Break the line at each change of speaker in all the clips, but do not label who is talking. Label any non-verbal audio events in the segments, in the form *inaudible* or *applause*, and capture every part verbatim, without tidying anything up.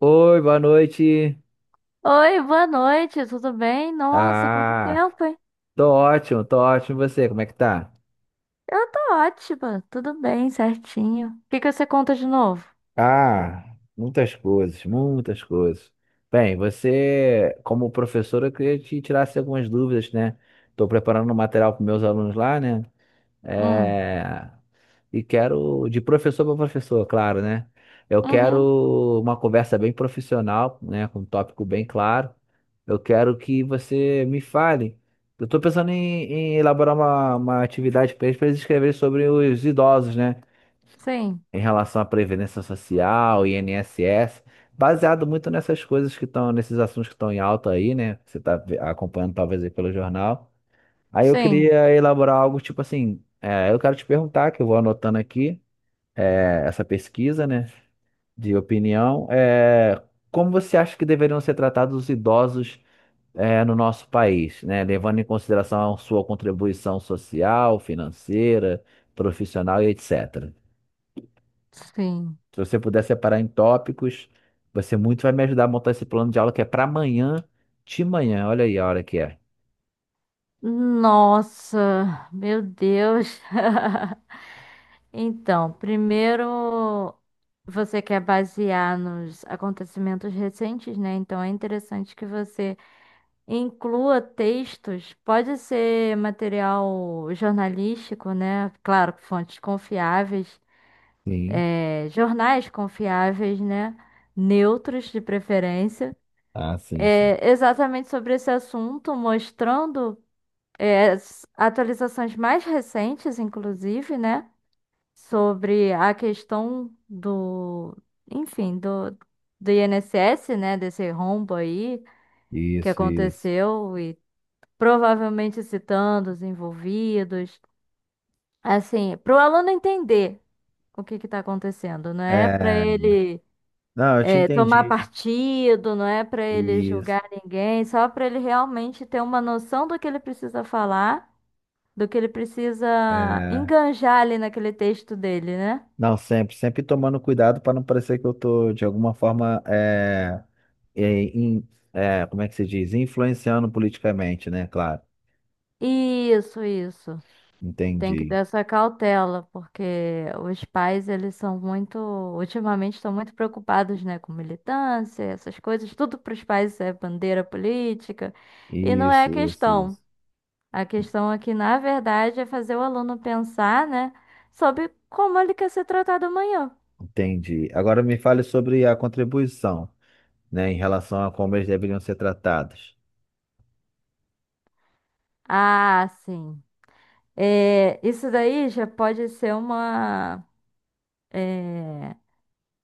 Oi, boa noite.
Oi, boa noite, tudo bem? Nossa, quanto
Ah,
tempo, hein?
tô ótimo, tô ótimo. E você, como é que tá?
Eu tô ótima, tudo bem, certinho. O que que você conta de novo?
Ah, muitas coisas, muitas coisas. Bem, você, como professor, eu queria te tirar assim, algumas dúvidas, né? Tô preparando um material para meus alunos lá, né?
Hum,
É... e quero, de professor para professor, claro, né? Eu
uhum,
quero uma conversa bem profissional, né? Com um tópico bem claro. Eu quero que você me fale. Eu estou pensando em, em elaborar uma, uma atividade para eles, para eles escreverem sobre os idosos, né?
sim,
Em relação à Previdência Social, INSS, baseado muito nessas coisas que estão, nesses assuntos que estão em alta aí, né? Você está acompanhando talvez aí pelo jornal. Aí eu
sim,
queria elaborar algo tipo assim, é, eu quero te perguntar, que eu vou anotando aqui, é, essa pesquisa, né, de opinião, é, como você acha que deveriam ser tratados os idosos, é, no nosso país, né, levando em consideração a sua contribuição social, financeira, profissional e etecetera.
sim.
Se você puder separar em tópicos, você muito vai me ajudar a montar esse plano de aula que é para amanhã, de manhã. Olha aí a hora que é.
Nossa, meu Deus. *laughs* Então, primeiro você quer basear nos acontecimentos recentes, né? Então é interessante que você Inclua textos, pode ser material jornalístico, né? Claro, com fontes confiáveis,
Sim.
eh, jornais confiáveis, né? Neutros de preferência,
Ah, sim, sim.
Eh, exatamente sobre esse assunto, mostrando, eh, as atualizações mais recentes, inclusive, né? Sobre a questão do, enfim, do, do I N S S, né? Desse rombo aí que
Isso, isso.
aconteceu provavelmente citando os envolvidos, assim, para o aluno entender o que está acontecendo, não é para
É,
ele
não, eu te
é, tomar
entendi.
partido, não é para ele
Isso.
julgar ninguém, só para ele realmente ter uma noção do que ele precisa falar, do que ele precisa enganjar ali naquele texto dele, né?
Não, sempre, sempre tomando cuidado para não parecer que eu tô de alguma forma é, é, in- é, como é que se diz? Influenciando politicamente, né? Claro.
Isso, isso. Tem que ter
Entendi.
essa cautela, porque os pais, eles são muito, ultimamente estão muito preocupados, né, com militância, essas coisas, tudo para os pais é bandeira política, e não é a
Isso, isso,
questão.
isso.
A questão aqui, na verdade, é fazer o aluno pensar, né, sobre como ele quer ser tratado amanhã.
Entendi. Agora me fale sobre a contribuição, né? Em relação a como eles deveriam ser tratados.
Ah, sim. É, isso daí já pode ser uma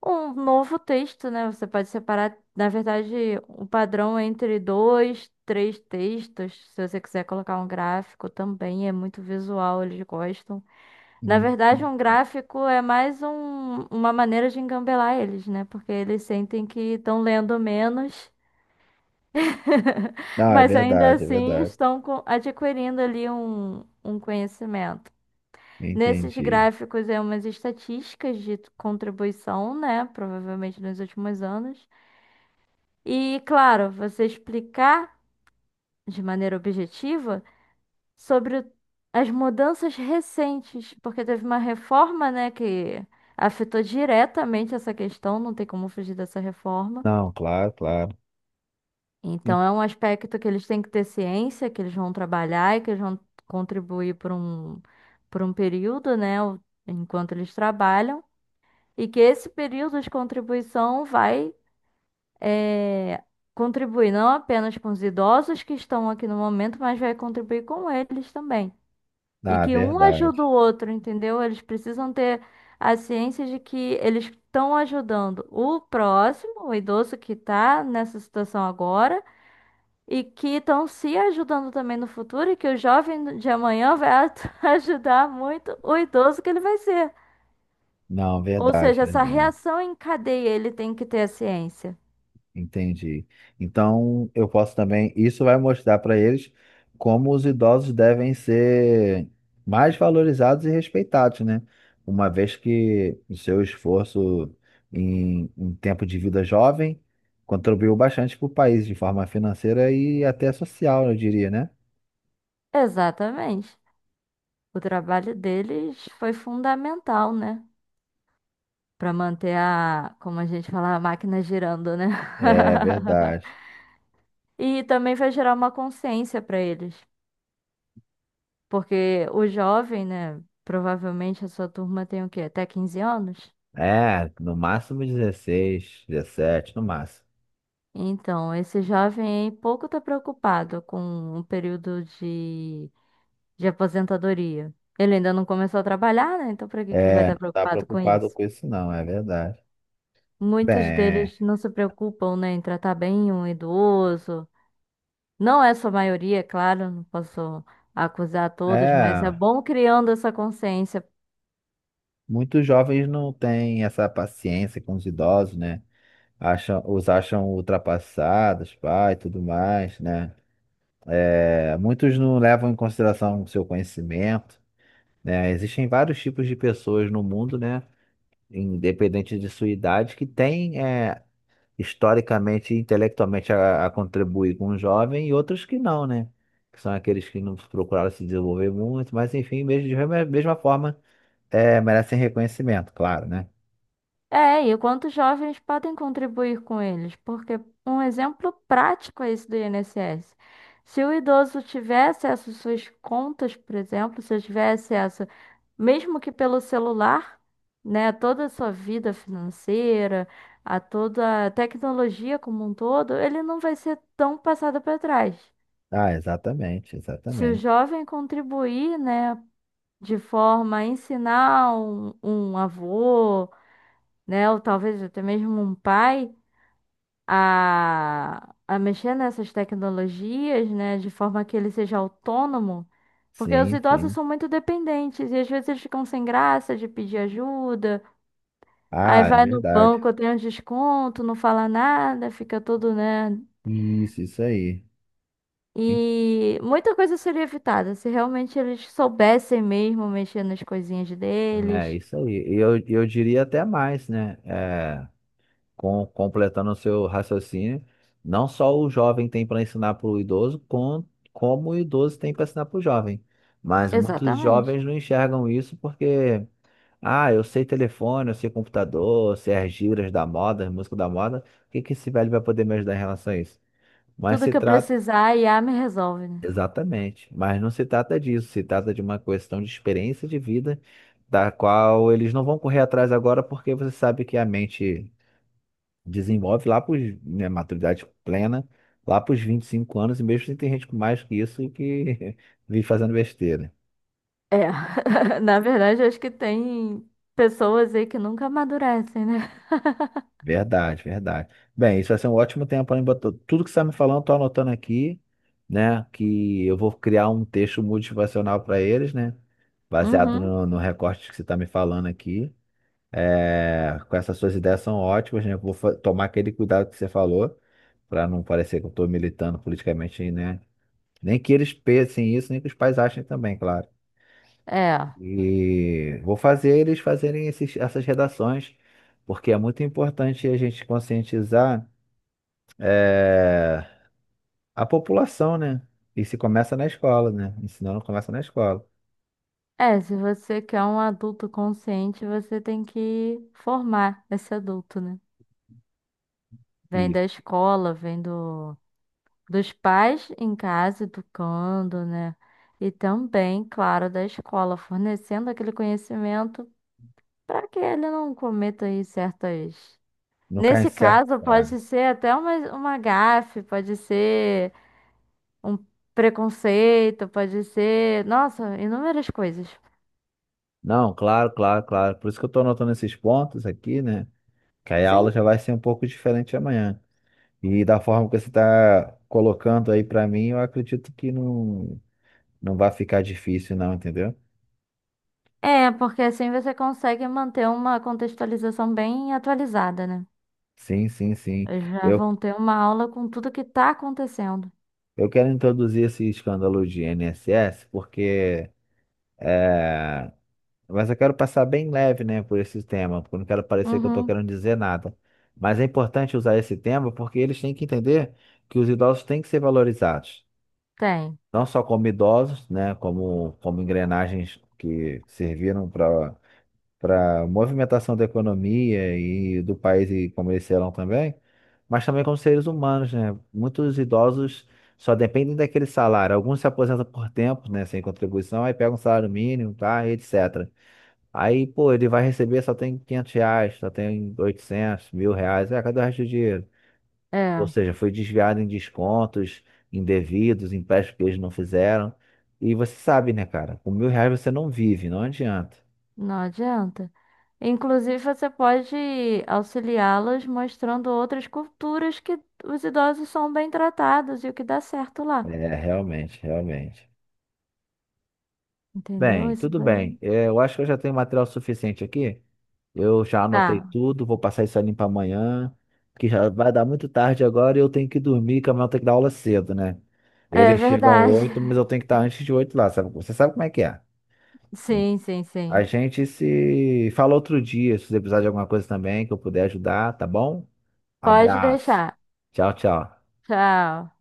um novo texto, né? Você pode separar, na verdade, o padrão entre dois, três textos. Se você quiser colocar um gráfico também, é muito visual, eles gostam. Na
Hum.
verdade,
Hum.
um gráfico é mais um- uma maneira de engambelar eles, né? Porque eles sentem que estão lendo menos, *laughs*
Ah, é
mas ainda
verdade, é
assim
verdade.
estão co- adquirindo ali um, um conhecimento. Nesses
Entendi.
gráficos é umas estatísticas de contribuição, né? Provavelmente nos últimos anos. E, claro, você explicar de maneira objetiva sobre o- as mudanças recentes, porque teve uma reforma, né, que afetou diretamente essa questão, não tem como fugir dessa reforma.
Não, claro, claro. Hum.
Então, é um aspecto que eles têm que ter ciência, que eles vão trabalhar e que eles vão contribuir por um, por um período, né, o- enquanto eles trabalham, e que esse período de contribuição vai é, contribuir não apenas com os idosos que estão aqui no momento, mas vai contribuir com eles também. E
Ah,
que um
verdade.
ajuda o outro, entendeu? Eles precisam ter a ciência de que eles estão ajudando o próximo, o idoso que está nessa situação agora, e que estão se ajudando também no futuro, e que o jovem de amanhã vai atu- *laughs* ajudar muito o idoso que ele vai ser.
Não,
Ou
verdade,
seja, essa
verdade.
reação em cadeia ele tem que ter a ciência.
Entendi. Então, eu posso também. Isso vai mostrar para eles como os idosos devem ser mais valorizados e respeitados, né? Uma vez que o seu esforço em, em tempo de vida jovem contribuiu bastante para o país de forma financeira e até social, eu diria, né?
Exatamente. O trabalho deles foi fundamental, né? Para manter a, como a gente fala, a máquina girando, né?
É
*laughs*
verdade.
E também vai gerar uma consciência para eles. Porque o jovem, né? Provavelmente a sua turma tem o quê? Até quinze anos?
É, no máximo dezesseis dezessete, no máximo.
Então, esse jovem aí pouco está preocupado com um período de, de aposentadoria. Ele ainda não começou a trabalhar, né? Então, para que que ele vai
É,
estar
não tá
preocupado com
preocupado
isso?
com isso, não, é verdade.
Muitos
Bem,
deles não se preocupam, né, em tratar bem um idoso. Não é sua maioria, é claro, não posso acusar todos, mas é
é.
bom criando essa consciência.
Muitos jovens não têm essa paciência com os idosos, né? Acham, os acham ultrapassados, pai, tudo mais, né? É, muitos não levam em consideração o seu conhecimento, né? Existem vários tipos de pessoas no mundo, né? Independente de sua idade, que têm, é, historicamente e intelectualmente a, a contribuir com o jovem e outros que não, né? Que são aqueles que não procuraram se desenvolver muito, mas enfim, mesmo, de mesma forma, é, merecem reconhecimento, claro, né?
É, e quantos jovens podem contribuir com eles? Porque um exemplo prático é esse do I N S S. Se o idoso tiver acesso às suas contas, por exemplo, se eu tiver acesso, mesmo que pelo celular, né, a toda a sua vida financeira, a toda a tecnologia como um todo, ele não vai ser tão passado para trás.
Ah, exatamente,
Se o
exatamente.
jovem contribuir, né, de forma a ensinar um, um avô, né, ou talvez até mesmo um pai a, a mexer nessas tecnologias, né, de forma que ele seja autônomo, porque os
Sim,
idosos
sim.
são muito dependentes e às vezes eles ficam sem graça de pedir ajuda, aí
Ah, é
vai no
verdade.
banco, tem um desconto, não fala nada, fica todo, né,
Isso, isso aí.
e muita coisa seria evitada se realmente eles soubessem mesmo mexer nas coisinhas
É,
deles.
isso aí. E eu, eu diria até mais, né? É, com, completando o seu raciocínio, não só o jovem tem para ensinar para o idoso, com, como o idoso tem para ensinar para o jovem. Mas muitos
Exatamente.
jovens não enxergam isso porque, ah, eu sei telefone, eu sei computador, eu sei as gírias da moda, as músicas da moda, o que que esse velho vai poder me ajudar em relação a isso? Mas
Tudo
se
que eu
trata.
precisar, a I A me resolve, né?
Exatamente, mas não se trata disso, se trata de uma questão de experiência de vida, da qual eles não vão correr atrás agora, porque você sabe que a mente desenvolve lá para, né, maturidade plena, lá para os vinte e cinco anos, e mesmo assim tem gente com mais que isso que *laughs* vive fazendo besteira.
É, *laughs* na verdade, eu acho que tem pessoas aí que nunca amadurecem, né?
Verdade, verdade. Bem, isso vai ser um ótimo tempo para mim botar tudo que você está me falando, estou anotando aqui, né? Que eu vou criar um texto motivacional para eles, né? Baseado
Uhum,
no, no recorte que você está me falando aqui. É, com essas suas ideias são ótimas, né? Vou fa- tomar aquele cuidado que você falou, para não parecer que eu estou militando politicamente, né? Nem que eles pensem isso, nem que os pais achem também, claro.
é.
E vou fazer eles fazerem esses- essas redações, porque é muito importante a gente conscientizar, é, a população, né? E se começa na escola, né? Ensinando começa na escola.
É, se você quer um adulto consciente, você tem que formar esse adulto, né? Vem da
Isso.
escola, vem do, dos pais em casa educando, né? E também, claro, da escola, fornecendo aquele conhecimento para que ele não cometa aí certas.
Não cai em
Nesse
certo.
caso,
É.
pode ser até uma, uma gafe, pode ser um preconceito, pode ser, nossa, inúmeras coisas.
Não, claro, claro, claro. Por isso que eu estou anotando esses pontos aqui, né? Que aí a
Sim,
aula já vai ser um pouco diferente amanhã. E da forma que você está colocando aí para mim, eu acredito que não, não vai ficar difícil, não, entendeu?
é, porque assim você consegue manter uma contextualização bem atualizada, né?
Sim, sim, sim.
Já
Eu,
vão ter uma aula com tudo que tá acontecendo.
eu quero introduzir esse escândalo de INSS porque é, mas eu quero passar bem leve, né, por esse tema, porque eu não quero parecer que eu estou
Uhum,
querendo dizer nada. Mas é importante usar esse tema porque eles têm que entender que os idosos têm que ser valorizados.
tem.
Não só como idosos, né, como, como engrenagens que serviram para para movimentação da economia e do país e como eles serão também, mas também como seres humanos, né? Muitos idosos só dependem daquele salário. Alguns se aposentam por tempo, né, sem contribuição, aí pegam um salário mínimo, tá, e etecetera. Aí, pô, ele vai receber, só tem quinhentos reais, só tem oitocentos, mil reais. É, cadê o resto do dinheiro? Ou
É,
seja, foi desviado em descontos indevidos, empréstimos que eles não fizeram. E você sabe, né, cara? Com mil reais você não vive, não adianta.
não adianta. Inclusive, você pode auxiliá-los mostrando outras culturas que os idosos são bem tratados e o que dá certo lá.
É, realmente, realmente.
Entendeu?
Bem,
Isso
tudo bem.
daí.
É, eu acho que eu já tenho material suficiente aqui. Eu já anotei
Tá.
tudo, vou passar isso ali para amanhã, que já vai dar muito tarde agora e eu tenho que dormir, que amanhã eu tenho que dar aula cedo, né?
É
Eles chegam
verdade.
oito, mas eu
*laughs*
tenho que estar antes de oito lá, sabe? Você sabe como é que é.
Sim, sim,
A
sim.
gente se fala outro dia, se você precisar de alguma coisa também que eu puder ajudar, tá bom?
Pode
Abraço.
deixar.
Tchau, tchau.
Tchau.